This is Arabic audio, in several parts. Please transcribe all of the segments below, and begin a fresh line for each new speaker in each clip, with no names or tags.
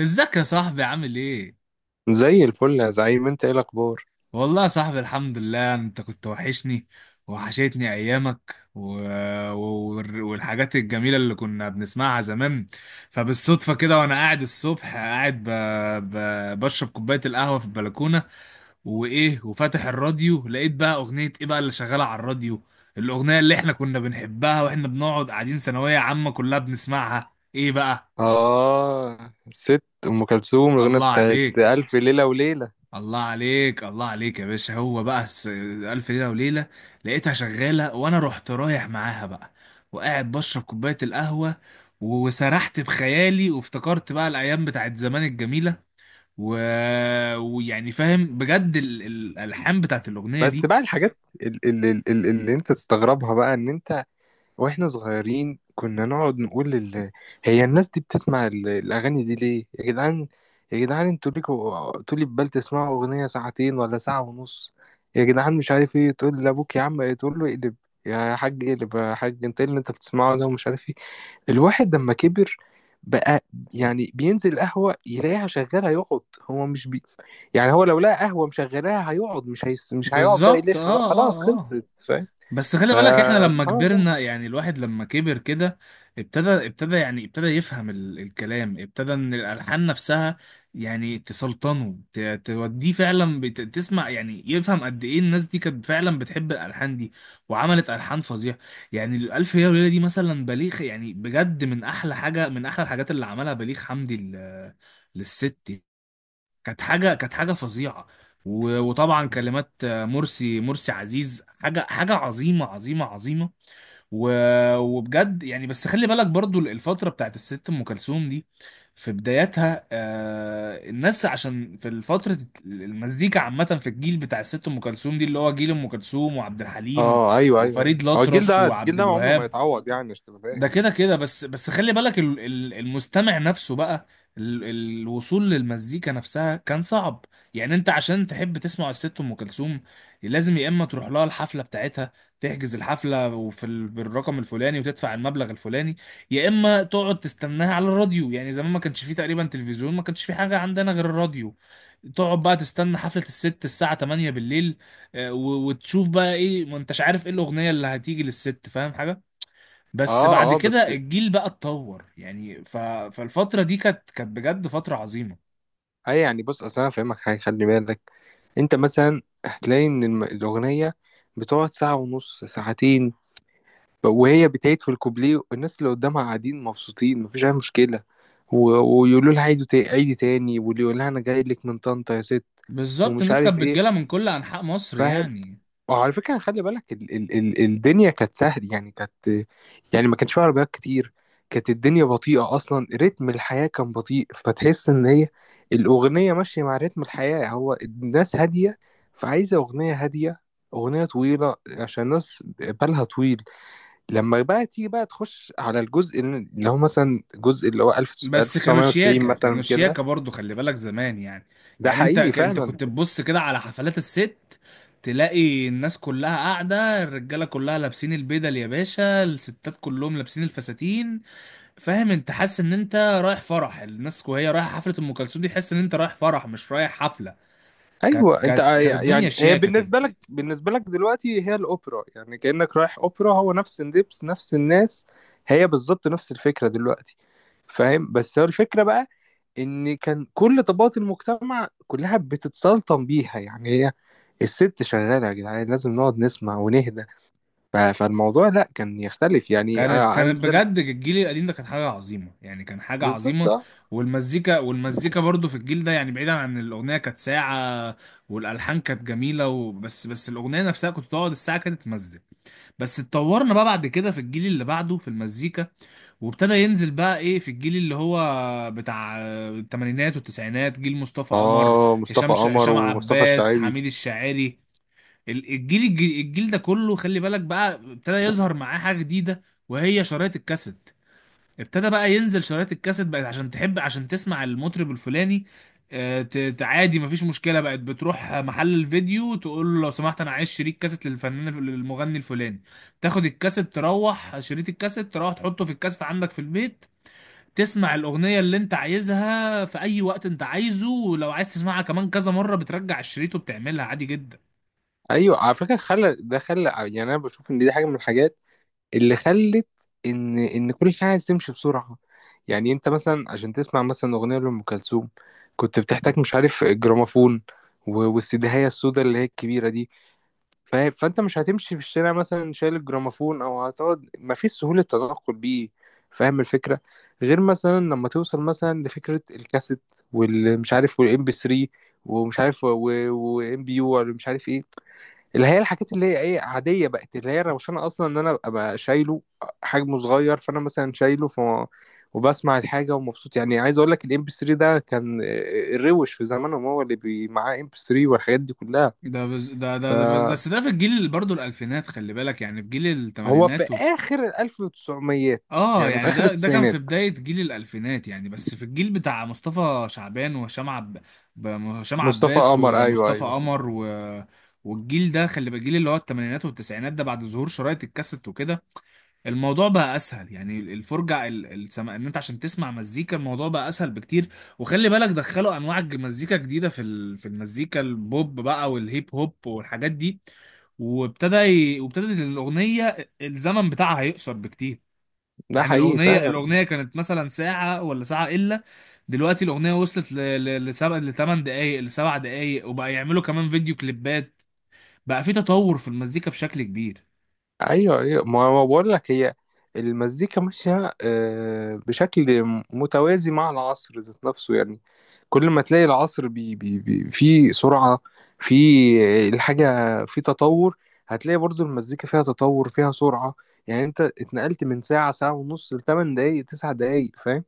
ازيك يا صاحبي، عامل ايه؟
زي الفل يا زعيم، انت ايه الاخبار؟
والله يا صاحبي الحمد لله، انت كنت وحشني. وحشتني ايامك و... والحاجات الجميلة اللي كنا بنسمعها زمان. فبالصدفة كده وانا قاعد الصبح قاعد بشرب كوباية القهوة في البلكونة، وايه، وفاتح الراديو لقيت بقى اغنية ايه بقى اللي شغالة على الراديو؟ الاغنية اللي احنا كنا بنحبها واحنا بنقعد قاعدين ثانوية عامة كلها بنسمعها ايه بقى؟
اه، ست ام كلثوم الاغنيه
الله
بتاعت
عليك،
الف ليله وليله.
الله عليك، الله عليك يا باشا. هو بقى ألف ليلة وليلة. لقيتها شغالة وأنا رحت رايح معاها بقى، وقاعد بشرب كوباية القهوة، وسرحت بخيالي، وافتكرت بقى الأيام بتاعت زمان الجميلة. و... ويعني فاهم بجد الألحان بتاعت الأغنية
بس
دي.
بقى الحاجات اللي انت تستغربها بقى ان انت واحنا صغيرين كنا نقعد نقول هي الناس دي بتسمع الاغاني دي ليه يا جدعان؟ يا جدعان انتوا ليكوا طول بال تسمعوا اغنيه ساعتين ولا ساعة ونص؟ يا جدعان، مش عارف ايه، تقول لابوك يا عم تقول له اقلب يا حاج، اقلب يا حاج، انت ايه اللي انت بتسمعه ده ومش عارف ايه. الواحد لما كبر بقى، يعني بينزل قهوة يلاقيها شغالة يقعد، هو مش بي يعني هو لو لقى قهوة مشغلاها هيقعد، مش هيقعد بقى
بالظبط،
يلف بقى،
اه
خلاص
اه اه.
خلصت، فاهم؟
بس خلي بالك احنا لما
فسبحان الله.
كبرنا، يعني الواحد لما كبر كده ابتدى، يعني ابتدى يفهم الكلام، ابتدى ان الالحان نفسها يعني تسلطنه، توديه فعلا، تسمع يعني، يفهم قد ايه الناس دي كانت فعلا بتحب الالحان دي. وعملت الحان فظيعه. يعني الالف ليله وليله دي مثلا، بليغ، يعني بجد من احلى حاجه، من احلى الحاجات اللي عملها بليغ حمدي للست. كانت حاجه، كانت حاجه فظيعه. وطبعا كلمات، مرسي مرسي عزيز، حاجه حاجه عظيمه عظيمه عظيمه. وبجد يعني. بس خلي بالك برضو، الفتره بتاعت الست ام كلثوم دي في بداياتها، الناس عشان في فتره، المزيكا عامه في الجيل بتاع الست ام كلثوم دي، اللي هو جيل ام كلثوم وعبد الحليم
اه ايوه ايوه أيوة.
وفريد
هو الجيل
الأطرش
ده، الجيل
وعبد
ده عمره ما
الوهاب،
يتعوض يعني، عشان تبقى
ده
فاهم
كده
بس.
كده. بس خلي بالك المستمع نفسه بقى، ال- الوصول للمزيكا نفسها كان صعب. يعني انت عشان تحب تسمع الست ام كلثوم، لازم يا اما تروح لها الحفله بتاعتها، تحجز الحفله وفي بالرقم الفلاني، وتدفع المبلغ الفلاني، يا اما تقعد تستناها على الراديو، يعني زمان ما كانش فيه تقريبا تلفزيون، ما كانش فيه حاجه عندنا غير الراديو. تقعد بقى تستنى حفلة الست الساعة 8 بالليل، وتشوف بقى ايه، ما انتش عارف ايه الأغنية اللي هتيجي للست، فاهم حاجة. بس
اه
بعد
اه، بس
كده الجيل بقى اتطور يعني، فالفترة دي كانت، بجد فترة عظيمة.
اي يعني، بص اصل انا فاهمك حاجة، خلي بالك. انت مثلا هتلاقي ان الاغنية بتقعد ساعة ونص، ساعتين وهي بتعيد في الكوبليه، الناس اللي قدامها قاعدين مبسوطين، مفيش اي مشكله. ويقولوا لها عيدي، عيدي تاني، واللي يقول لها انا جاي لك من طنطا يا ست،
بالظبط،
ومش
الناس
عارف
كانت
ايه،
بتجيلها من كل أنحاء مصر
فاهم؟
يعني.
وعلى فكره خلي بالك، الدنيا كانت سهل يعني، كانت يعني ما كانش فيها عربيات كتير، كانت الدنيا بطيئه، اصلا رتم الحياه كان بطيء، فتحس ان هي الاغنيه ماشيه مع رتم الحياه، هو الناس هاديه فعايزه اغنيه هاديه، اغنيه طويله عشان الناس بالها طويل. لما بقى تيجي بقى تخش على الجزء اللي هو مثلا، الجزء اللي هو 1000
بس كانوا
1990
شياكة،
مثلا
كانوا
كده،
شياكة برضو، خلي بالك زمان يعني.
ده
يعني
حقيقي
انت
فعلا.
كنت تبص كده على حفلات الست، تلاقي الناس كلها قاعدة، الرجالة كلها لابسين البدل يا باشا، الستات كلهم لابسين الفساتين. فاهم، انت حاسس ان انت رايح فرح الناس، وهي رايحة حفلة ام كلثوم دي، تحس ان انت رايح فرح مش رايح حفلة. كانت كانت كانت الدنيا
يعني هي
شياكة كده.
بالنسبه لك، بالنسبه لك دلوقتي هي الاوبرا يعني، كانك رايح اوبرا، هو نفس اللبس نفس الناس، هي بالظبط نفس الفكره دلوقتي، فاهم؟ بس هو الفكره بقى ان كان كل طبقات المجتمع كلها بتتسلطن بيها يعني، هي الست شغاله يا جدعان لازم نقعد نسمع ونهدى. فالموضوع لا كان يختلف يعني،
كانت
انا
كانت
أنا ده.
بجد الجيل القديم ده كان حاجة عظيمة، يعني كان حاجة
بالظبط
عظيمة.
اه.
والمزيكا برضو في الجيل ده يعني، بعيدا عن الأغنية كانت ساعة، والألحان كانت جميلة. وبس الأغنية نفسها، كنت تقعد الساعة كانت تمزج. بس اتطورنا بقى بعد كده، في الجيل اللي بعده في المزيكا، وابتدى ينزل بقى ايه في الجيل اللي هو بتاع الثمانينات والتسعينات، جيل مصطفى قمر،
اه، مصطفى قمر
هشام
ومصطفى
عباس،
الشعيبي.
حميد الشاعري. الجيل ده كله خلي بالك بقى، ابتدى يظهر معاه حاجة جديدة، وهي شرايط الكاسيت. ابتدى بقى ينزل شرايط الكاسيت، بقت عشان تحب عشان تسمع المطرب الفلاني، عادي مفيش مشكلة، بقت بتروح محل الفيديو تقول له لو سمحت انا عايز شريط كاسيت للفنان، للمغني الفلاني، تاخد الكاسيت، تروح شريط الكاسيت، تروح تحطه في الكاسيت عندك في البيت، تسمع الأغنية اللي انت عايزها في أي وقت انت عايزه، ولو عايز تسمعها كمان كذا مرة بترجع الشريط وبتعملها عادي جدا.
ايوه على فكره، خلى يعني، انا بشوف ان دي حاجه من الحاجات اللي خلت ان كل حاجه عايز تمشي بسرعه. يعني انت مثلا عشان تسمع مثلا اغنيه لام كلثوم، كنت بتحتاج مش عارف الجراموفون، والسيديهايه السوداء اللي هي الكبيره دي، فاهم؟ فانت مش هتمشي في الشارع مثلا شايل الجراموفون، او هتقعد، ما فيش سهولة تنقل بيه، فاهم الفكرة؟ غير مثلا لما توصل مثلا لفكرة الكاسيت، والمش عارف والام بي 3، ومش عارف وام بي يو، ولا مش عارف ايه، اللي هي الحاجات اللي هي ايه، عادية بقت، اللي هي روشانة اصلا ان انا ابقى شايله، حجمه صغير فانا مثلا شايله وبسمع الحاجة ومبسوط يعني. عايز اقول لك الام بي 3 ده كان الروش في زمانهم هو اللي معاه ام بي 3 والحاجات دي كلها.
ده بز... ده
ف
ده ده بس ده في الجيل برضه الألفينات، خلي بالك يعني، في جيل
هو في
التمانينات
اخر الالف وتسعميات،
اه،
يعني في
يعني
اخر
ده كان في
التسعينات.
بداية جيل الألفينات يعني. بس في الجيل بتاع مصطفى شعبان، هشام
مصطفى
عباس
قمر، ايوه
ومصطفى
ايوه.
قمر. والجيل ده خلي بالك، الجيل اللي هو التمانينات والتسعينات ده بعد ظهور شرايط الكاسيت وكده، الموضوع بقى اسهل يعني، الفرجه السما ان انت عشان تسمع مزيكا، الموضوع بقى اسهل بكتير. وخلي بالك دخلوا انواع مزيكا جديده في في المزيكا، البوب بقى، والهيب هوب، والحاجات دي. وابتدت الاغنيه الزمن بتاعها هيقصر بكتير.
ده
يعني
حقيقي
الاغنيه،
فعلا.
كانت مثلا ساعه ولا ساعه الا. دلوقتي الاغنيه وصلت لسبع لـ8 دقائق، لـ7 دقائق، وبقى يعملوا كمان فيديو كليبات. بقى في تطور في المزيكا بشكل كبير.
ايوه ايوه، ما هو بقول لك، هي المزيكا ماشيه بشكل متوازي مع العصر ذات نفسه يعني، كل ما تلاقي العصر بي في سرعه، في الحاجه، في تطور، هتلاقي برضو المزيكا فيها تطور فيها سرعه. يعني انت اتنقلت من ساعه، ساعه ونص، لثمان دقايق تسع دقايق، فاهم؟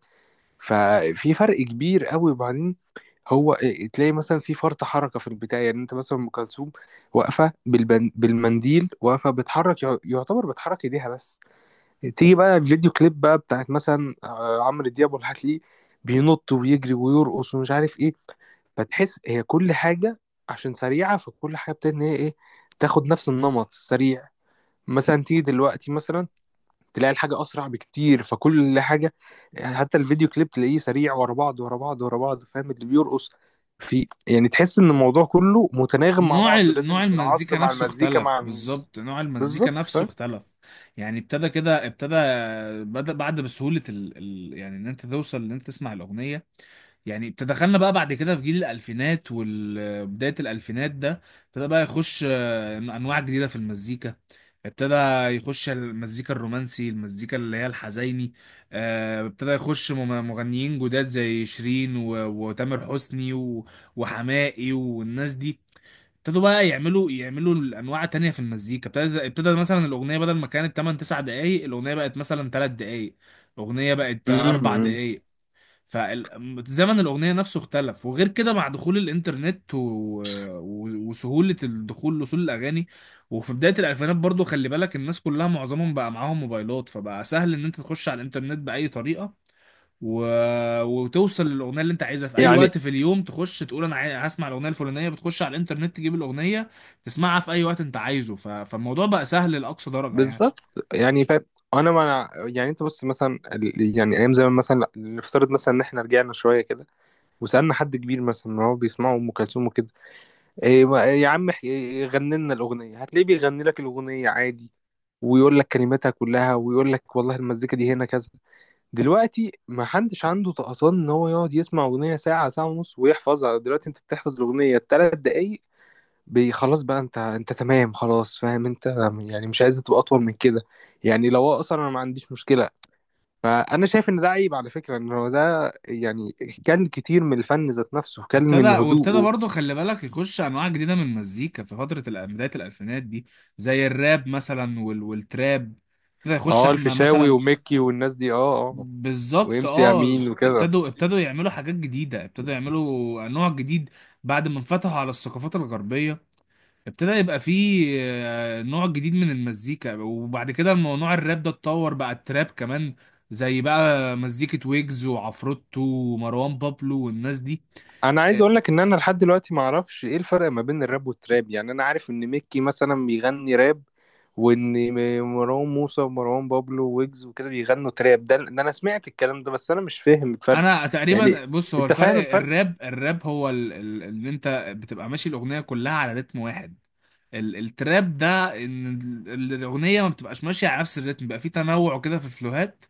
ففي فرق كبير قوي. وبعدين هو تلاقي مثلا في فرط حركه في البتاع، يعني انت مثلا ام كلثوم واقفه بالمنديل واقفه بتحرك، يعتبر بتحرك ايديها بس. تيجي بقى الفيديو كليب بقى بتاعت مثلا عمرو دياب والحتلي، بينط ويجري ويرقص ومش عارف ايه، فتحس هي كل حاجه عشان سريعه، فكل حاجه بتبتدي ان هي ايه، تاخد نفس النمط السريع. مثلا تيجي دلوقتي مثلا، تلاقي الحاجة أسرع بكتير، فكل حاجة حتى الفيديو كليب تلاقيه سريع، ورا بعض ورا بعض ورا بعض، فاهم؟ اللي بيرقص في، يعني تحس إن الموضوع كله متناغم مع
نوع
بعض، لازم
نوع
العصر
المزيكا
مع
نفسه
المزيكا
اختلف،
مع الموسيقى.
بالظبط، نوع المزيكا
بالظبط
نفسه
فاهم.
اختلف. يعني ابتدى، بدأ بعد بسهولة، يعني ان انت توصل ان انت تسمع الأغنية. يعني ابتدى، دخلنا بقى بعد كده في جيل الألفينات وبداية الألفينات ده، ابتدى بقى يخش أنواع جديدة في المزيكا، ابتدى يخش المزيكا الرومانسي، المزيكا اللي هي الحزيني. ابتدى يخش مغنيين جداد زي شيرين وتامر حسني وحماقي والناس دي. ابتدوا بقى يعملوا، الانواع تانية في المزيكا. ابتدى مثلا الاغنيه بدل ما كانت 8 9 دقائق، الاغنيه بقت مثلا 3 دقائق، الاغنيه بقت 4
أمم.
دقائق. فزمن الاغنيه نفسه اختلف. وغير كده، مع دخول الانترنت وسهوله الدخول لوصول الاغاني، وفي بدايه الالفينات برضو خلي بالك، الناس كلها معظمهم بقى معاهم موبايلات، فبقى سهل ان انت تخش على الانترنت باي طريقه، و... وتوصل للاغنيه اللي انت عايزها في اي
يعني
وقت في اليوم. تخش تقول انا هسمع الاغنيه الفلانيه، بتخش على الانترنت تجيب الاغنيه، تسمعها في اي وقت انت عايزه. فالموضوع بقى سهل لاقصى درجه يعني.
بالظبط، يعني فاهم. أنا ما يعني أنت بص مثلا، يعني أيام زمان مثلا، نفترض مثلا إن إحنا رجعنا شوية كده، وسألنا حد كبير مثلا إن هو بيسمعوا أم كلثوم وكده، إيه ما- إيه، يا عم غني لنا الأغنية، هتلاقيه بيغني لك الأغنية عادي، ويقول لك كلماتها كلها، ويقول لك والله المزيكا دي هنا كذا. دلوقتي ما حدش عنده طقطان إن هو يقعد يسمع أغنية ساعة، ساعة ونص، ويحفظها. دلوقتي أنت بتحفظ الأغنية 3 دقايق، خلاص بقى، أنت تمام خلاص، فاهم أنت؟ يعني مش عايز تبقى أطول من كده، يعني لو هو أصلا أنا ما عنديش مشكلة، فأنا شايف إن ده عيب على فكرة، إن هو ده يعني كان كتير من الفن ذات نفسه كان
ابتدى
من
وابتدى
هدوءه.
برضه خلي بالك، يخش انواع جديده من المزيكا في فتره بدايه الالفينات دي، زي الراب مثلا والتراب، ابتدى يخش
اه،
احمد
الفيشاوي
مثلا.
وميكي والناس دي، اه اه، وام
بالظبط،
سي
اه،
امين وكده.
ابتدوا يعملوا حاجات جديده، ابتدوا يعملوا نوع جديد، بعد ما انفتحوا على الثقافات الغربيه، ابتدى يبقى فيه نوع جديد من المزيكا. وبعد كده الموضوع، الراب ده اتطور بقى، التراب كمان زي بقى، مزيكة ويجز وعفروتو ومروان بابلو والناس دي.
انا عايز
آه،
اقول لك ان انا لحد دلوقتي ما اعرفش ايه الفرق ما بين الراب والتراب. يعني انا عارف ان ميكي مثلا بيغني راب، وان مروان موسى ومروان بابلو ويجز وكده بيغنوا تراب، ده انا سمعت الكلام ده، بس انا مش فاهم الفرق.
انا
يعني
تقريبا بص، هو
انت فاهم
الفرق
الفرق؟
الراب، هو ان انت بتبقى ماشي الاغنية كلها على رتم واحد. التراب ده ان الاغنية ما بتبقاش ماشية على نفس الرتم، بقى فيه تنوع كده في الفلوهات.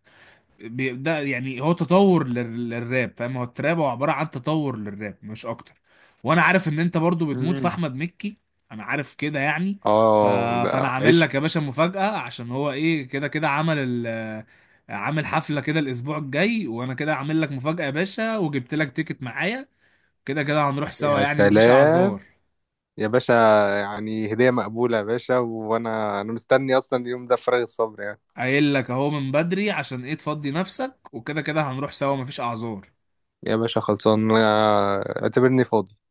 ده يعني هو تطور للراب، فاهم. هو التراب هو عبارة عن تطور للراب مش اكتر. وانا عارف ان انت برضو بتموت في
امم
احمد مكي. انا عارف كده يعني. ف...
اه، ده
فانا عامل
عشق.
لك يا باشا مفاجأة، عشان هو ايه كده كده، عمل ال... عامل حفلة كده الاسبوع الجاي. وانا كده عامل لك مفاجأة يا باشا، وجبت لك تيكت معايا. كده كده هنروح سوا
يا
يعني، مفيش
سلام
اعذار.
يا باشا، يعني هدية مقبولة يا باشا، وانا مستني اصلا، اليوم ده فراغ الصبر يعني.
قايل لك اهو من بدري عشان ايه تفضي نفسك، وكده كده هنروح سوا، مفيش اعذار.
يا باشا خلصان، اعتبرني فاضي.